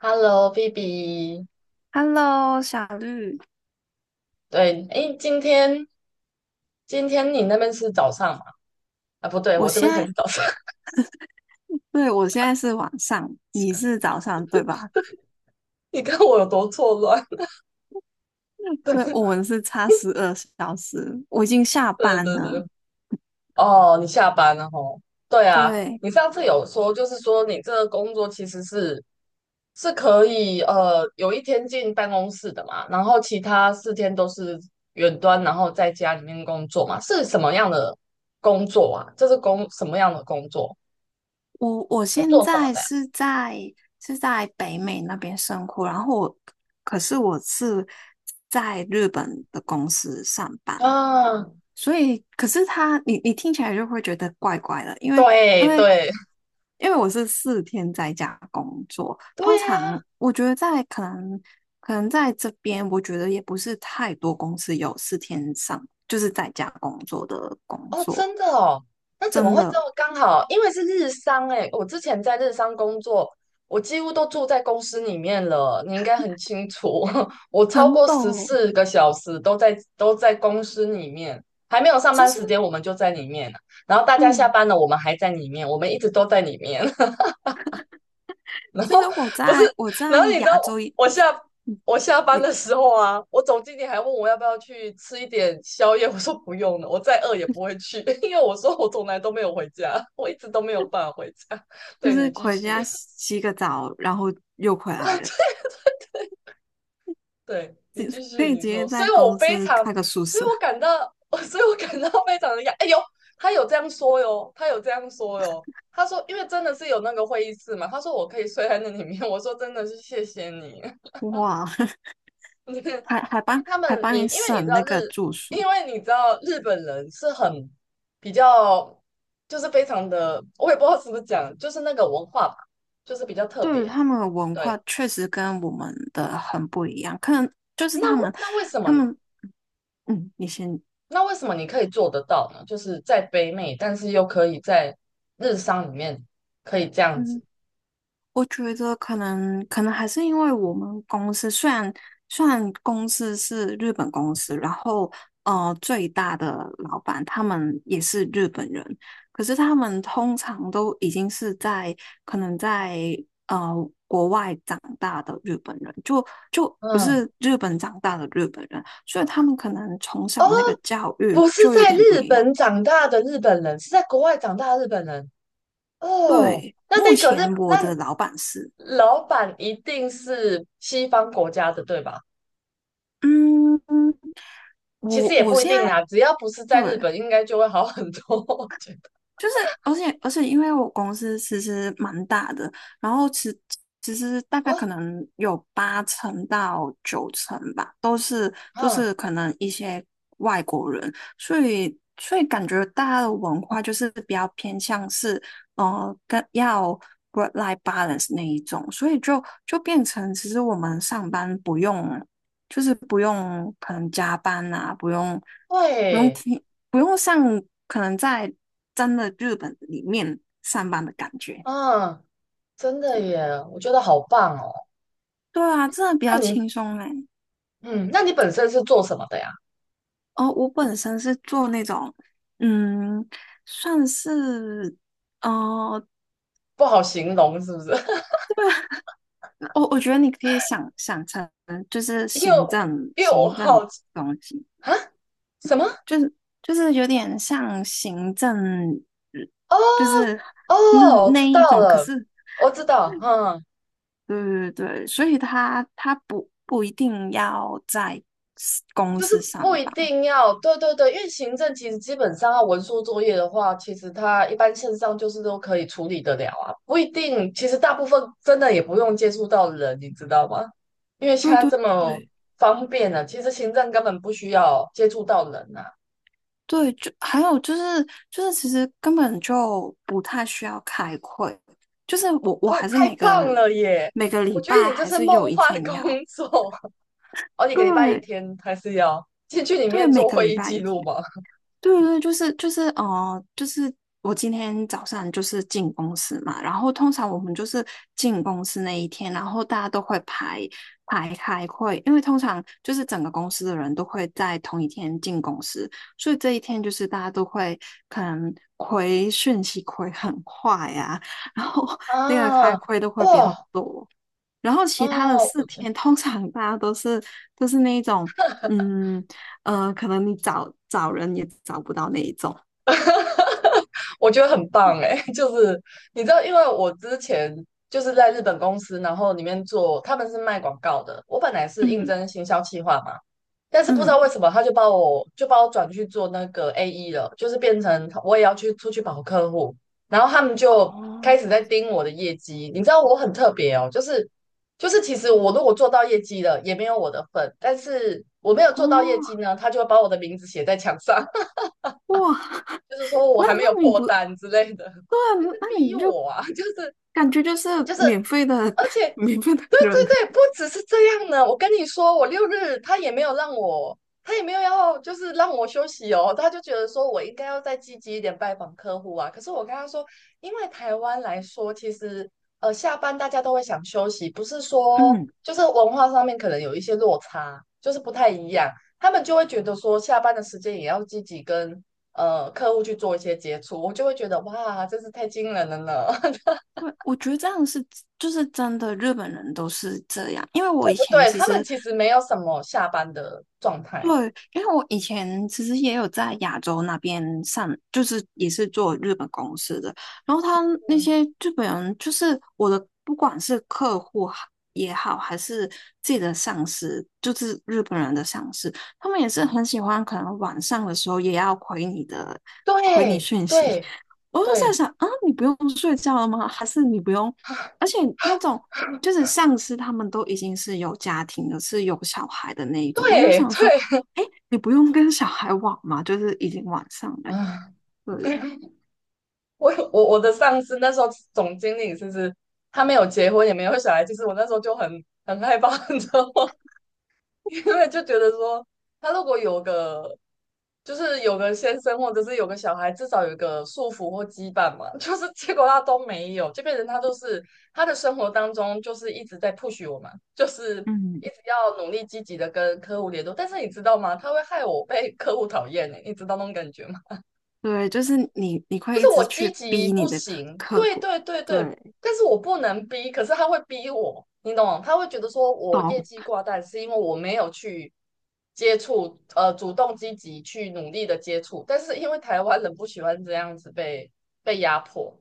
Hello，BB。Hello，小绿，对，诶，今天你那边是早上嘛？啊，不对，我我这现边才在，是早上。对，我现在是晚上，你是 早上，对吧？你看我有多错乱。对，我们是差12小时，我已经下对班对对，对。了。哦，你下班了吼。对啊，对，你上次有说，就是说你这个工作其实是可以有一天进办公室的嘛，然后其他四天都是远端，然后在家里面工作嘛，是什么样的工作啊？这是什么样的工作？我是现做什么在的是在北美那边生活，然后我，可是我是在日本的公司上班，呀？啊，所以，可是他，你听起来就会觉得怪怪的，因为因对为对，我是四天在家工作，对通呀，常我觉得可能在这边，我觉得也不是太多公司有四天上就是在家工作的工哦，真作，的哦，那怎么真会这的么刚好？因为是日商诶，我之前在日商工作，我几乎都住在公司里面了，你应该很清楚，我超很过十懂。四个小时都在公司里面，还没有上就班是时间我们就在里面了，然后大家下嗯，班了我们还在里面，我们一直都在里面。就是后我不是，在我然在后你知亚道洲一，我下嗯我下班你的时候啊，我总经理还问我要不要去吃一点宵夜，我说不用了，我再饿也不会去，因为我说我从来都没有回家，我一直都没有办法回家。就对你是继回家续，洗洗个澡，然后又回来了，对你继可续，以你直说，接所在以我公非司常，开个宿所以舍，我感到，所以我感到非常的压，哎呦，他有这样说哟，他有这样说哟。他说，因为真的是有那个会议室嘛，他说我可以睡在那里面。我说真的是谢谢你，哇！你，因还还为帮他还们，帮你你因为你知省那道个日，住宿，因为你知道日本人是很比较，就是非常的，我也不知道是不是讲，就是那个文化吧，就是比较特对别。他们的文对，化确实跟我们的很不一样，可能就是那他们为那为什么他们嗯，你先。那为什么你可以做得到呢？就是在北美，但是又可以在日商里面可以这样子。嗯。我觉得可能还是因为我们公司虽然公司是日本公司，然后最大的老板他们也是日本人，可是他们通常都已经是在可能在呃国外长大的日本人，就不嗯，是日本长大的日本人，所以他们可能从哦，小那个教育不是就有在点不日一样。本长大的日本人，是在国外长大的日本人。哦，对，那目那个日，前那我的老板是。老板一定是西方国家的，对吧？嗯，其实我也我不一现定在啦，只要不是在日对本，应该就会好很多。我觉得 就是，而且，因为我公司其实蛮大的，然后其实大 概哦，可能有八成到九成吧，都是都嗯，是可能一些外国人，所以感觉大家的文化就是比较偏向是，跟要 work-life balance 那一种，所以就变成其实我们上班不用，就是不用可能加班啊，不用会，听。不用像可能在真的日本里面上班的感觉。嗯，真的耶，我觉得好棒哦。对啊，真的比那较你，轻松嘞。嗯，那你本身是做什么的呀？哦，我本身是做那种，嗯，算是，呃，不好形容是不是？我觉得你可以想成就是 行又政又行政好奇东西，啊，什么？就是就是有点像行政，哦就是那哦，我那知道一种，可了，是我知道，对对对，所以他不一定要在 公就是司不上一班。定要，对对对，因为行政其实基本上要文书作业的话，其实它一般线上就是都可以处理得了啊，不一定，其实大部分真的也不用接触到人，你知道吗？因为现对在对这么对方便了，其实行政根本不需要接触到人啊。对，就还有就是其实根本就不太需要开会，就是我哦，还是太每棒个了耶！每个礼我觉得拜你这还是是有梦一幻的天工要，作，哦，你个礼拜一对天还是要进去里对，面每做个会礼议拜记一录天。吗？对对，就是我今天早上就是进公司嘛，然后通常我们就是进公司那一天，然后大家都会排开会，因为通常就是整个公司的人都会在同一天进公司，所以这一天就是大家都会可能回讯息回很快啊，然后那个开啊，会都会比较哇，多。然后其他的哦，四天 通常大家都是那一种，嗯可能你找找人也找不到那一种，我觉得很棒哎、就是你知道，因为我之前就是在日本公司，然后里面做，他们是卖广告的。我本来是应嗯征行销企划嘛，但是不知道嗯，为什么他就把我转去做那个 AE 了，就是变成我也要去出去跑客户，然后他们就开哦始在盯我的业绩。你知道我很特别哦，就是其实我如果做到业绩了，也没有我的份，但是我没有哦做到业绩呢，他就会把我的名字写在墙上。哇，就是说我那还没有那你破不对单之类的，啊就是那逼你就我啊，就是感觉就是就是免费的 而且，免费的对人，对对，不只是这样呢。我跟你说，我六日他也没有让我，他也没有要就是让我休息哦，他就觉得说我应该要再积极一点拜访客户啊。可是我跟他说，因为台湾来说，其实下班大家都会想休息，不是说嗯，就是文化上面可能有一些落差，就是不太一样，他们就会觉得说下班的时间也要积极跟客户去做一些接触，我就会觉得哇，真是太惊人了呢。对，我觉得这样就是真的，日本人都是这样，因为我以不前对，其他们实其实没有什么下班的状对，态。因为我以前其实也有在亚洲那边上，就是也是做日本公司的，然后他那嗯，些日本人，就是我的，不管是客户哈也好，还是自己的上司，就是日本人的上司，他们也是很喜欢，可能晚上的时候也要回你的对对我就在对，想啊，你不用睡觉了吗？还是你不用？啊而且啊，那种就是上司他们都已经是有家庭的，是有小孩的那一种，我就对想说，对哎，你不用跟小孩玩嘛，就是已经晚上了，啊，对 我的上司那时候总经理就是他没有结婚也没有小孩，其实我那时候就很害怕，你知道吗？因为就觉得说他如果有个先生或者是有个小孩，至少有一个束缚或羁绊嘛。就是结果他都没有，这变成他都是他的生活当中就是一直在 push 我们，就是嗯，一直要努力积极的跟客户联络。但是你知道吗？他会害我被客户讨厌呢，你知道那种感觉吗？对，就是你就会一是我直积去极逼不你的行，客对户，对对对，对，但是我不能逼，可是他会逼我，你懂吗？他会觉得说我业懂，绩挂蛋是因为我没有去接触，主动积极去努力的接触，但是因为台湾人不喜欢这样子被压迫，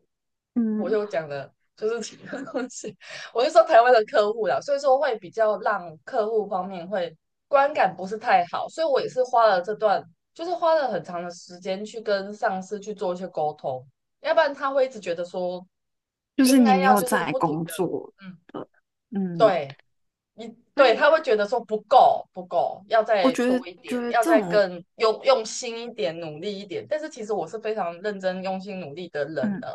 我嗯，就讲的就是这个东西，我就说台湾的客户啦，所以说会比较让客户方面会观感不是太好，所以我也是花了这段就是花了很长的时间去跟上司去做一些沟通，要不然他会一直觉得说就是应你该没要有就是在不停工的，作嗯，的，嗯，对，你所对以他会觉得说不够不够，要我再觉得多一点，要这再种。更用心一点，努力一点。但是其实我是非常认真用心努力的人嗯。的。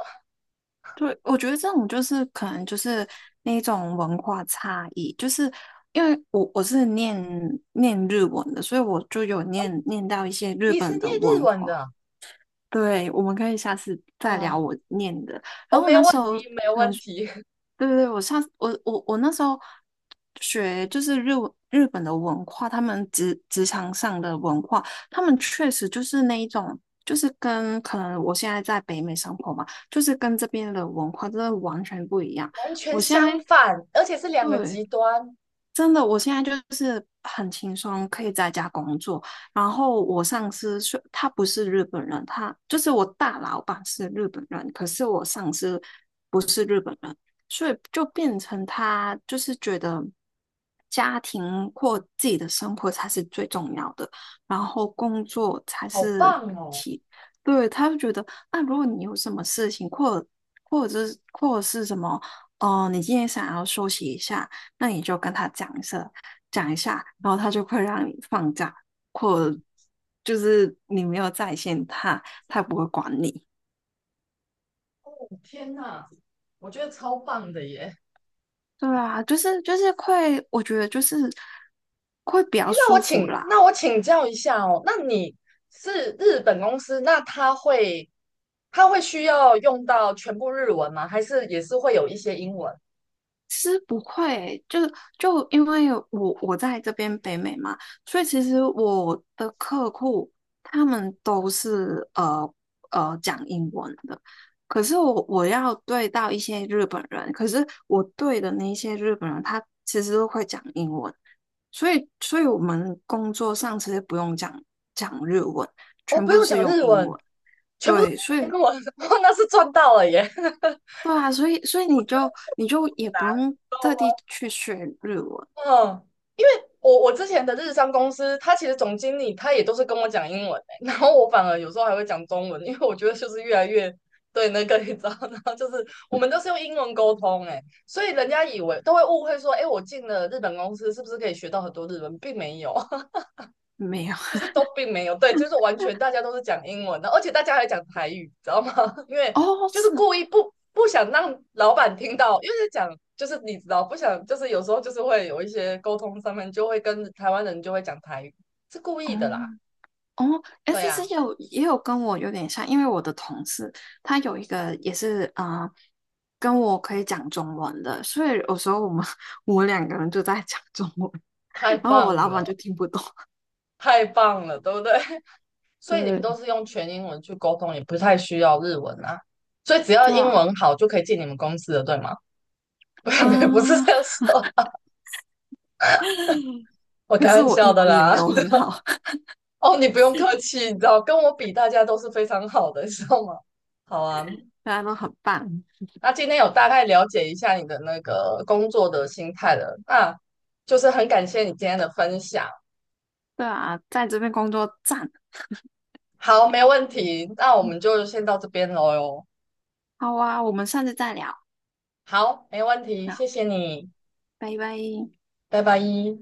对，我觉得这种就是可能就是那种文化差异，就是因为我是念日文的，所以我就有念到一些日你是本念的日文文化。的啊？对，我们可以下次再聊啊我念的。哦，然后没那问时候题，没问题，对对对，我上我我我那时候学就是日文日本的文化，他们职场上的文化，他们确实就是那一种，就是跟可能我现在在北美生活嘛，就是跟这边的文化真的完全不一样。完全我现在相反，而且是两个对，极端，真的，我现在就是很轻松，可以在家工作。然后我上司是，他不是日本人，他就是我大老板是日本人，可是我上司所以就变成他就是觉得家庭或自己的生活才是最重要的，然后工作才好是棒哦！其，对，他就觉得啊，如果你有什么事情，或者是什么，哦、你今天想要休息一下，那你就跟他讲一声，讲一下，然后他就会让你放假，或就是你没有在线他，他也不会管你。天哪，我觉得超棒的耶。对啊，就是会，我觉得就是会比诶较舒服啦。那我请教一下哦，那你是日本公司，那他会需要用到全部日文吗？还是也是会有一些英文？其实不会欸，就因为我在这边北美嘛，所以其实我的客户他们都是讲英文的，可是我要对到一些日本人，可是我对的那些日本人，他其实都会讲英文，所以我们工作上其实不用讲日文，哦，全不部都用是讲用日英文，文。全部都对，所讲英以文，哇，那是赚到了耶！对啊，所以你就很也难不用道特地吗，去学日文，嗯我之前的日商公司，他其实总经理他也都是跟我讲英文、欸，然后我反而有时候还会讲中文，因为我觉得就是越来越对那个你知道，然后就是我们都是用英文沟通、欸，哎，所以人家以为都会误会说，哎、欸我进了日本公司是不是可以学到很多日文，并没有，没有 就是 都并没有，对，就是完全大家都是讲英文的，而且大家还讲台语，知道吗？因为哦，就是是故意不想让老板听到，因为是讲就是你知道，不想就是有时候就是会有一些沟通上面就会跟台湾人就会讲台语，是故哦，意的啦。哦，对 s 呀、C 啊也有跟我有点像，因为我的同事他有一个也是啊、跟我可以讲中文的，所以有时候我们 我们两个人就在讲中文，太 然后我棒老板就了，听不懂。太棒了，对不对？所以你们对，都是用全英文去沟通，也不太需要日文啊。所以只要对英啊，文好就可以进你们公司了，对吗？不，不是嗯，这样说，我 可开是玩我笑英的文也没啦。有很好，哦，你不用客气，你知道，跟我比，大家都是非常好的，你知道吗？好啊，大家都很棒。那今天有大概了解一下你的那个工作的心态了，那就是很感谢你今天的分享。对啊，在这边工作赞。好，没问题，那我们就先到这边喽哟。好啊，我们下次再聊。好，没问题，谢那谢你，拜拜。拜拜。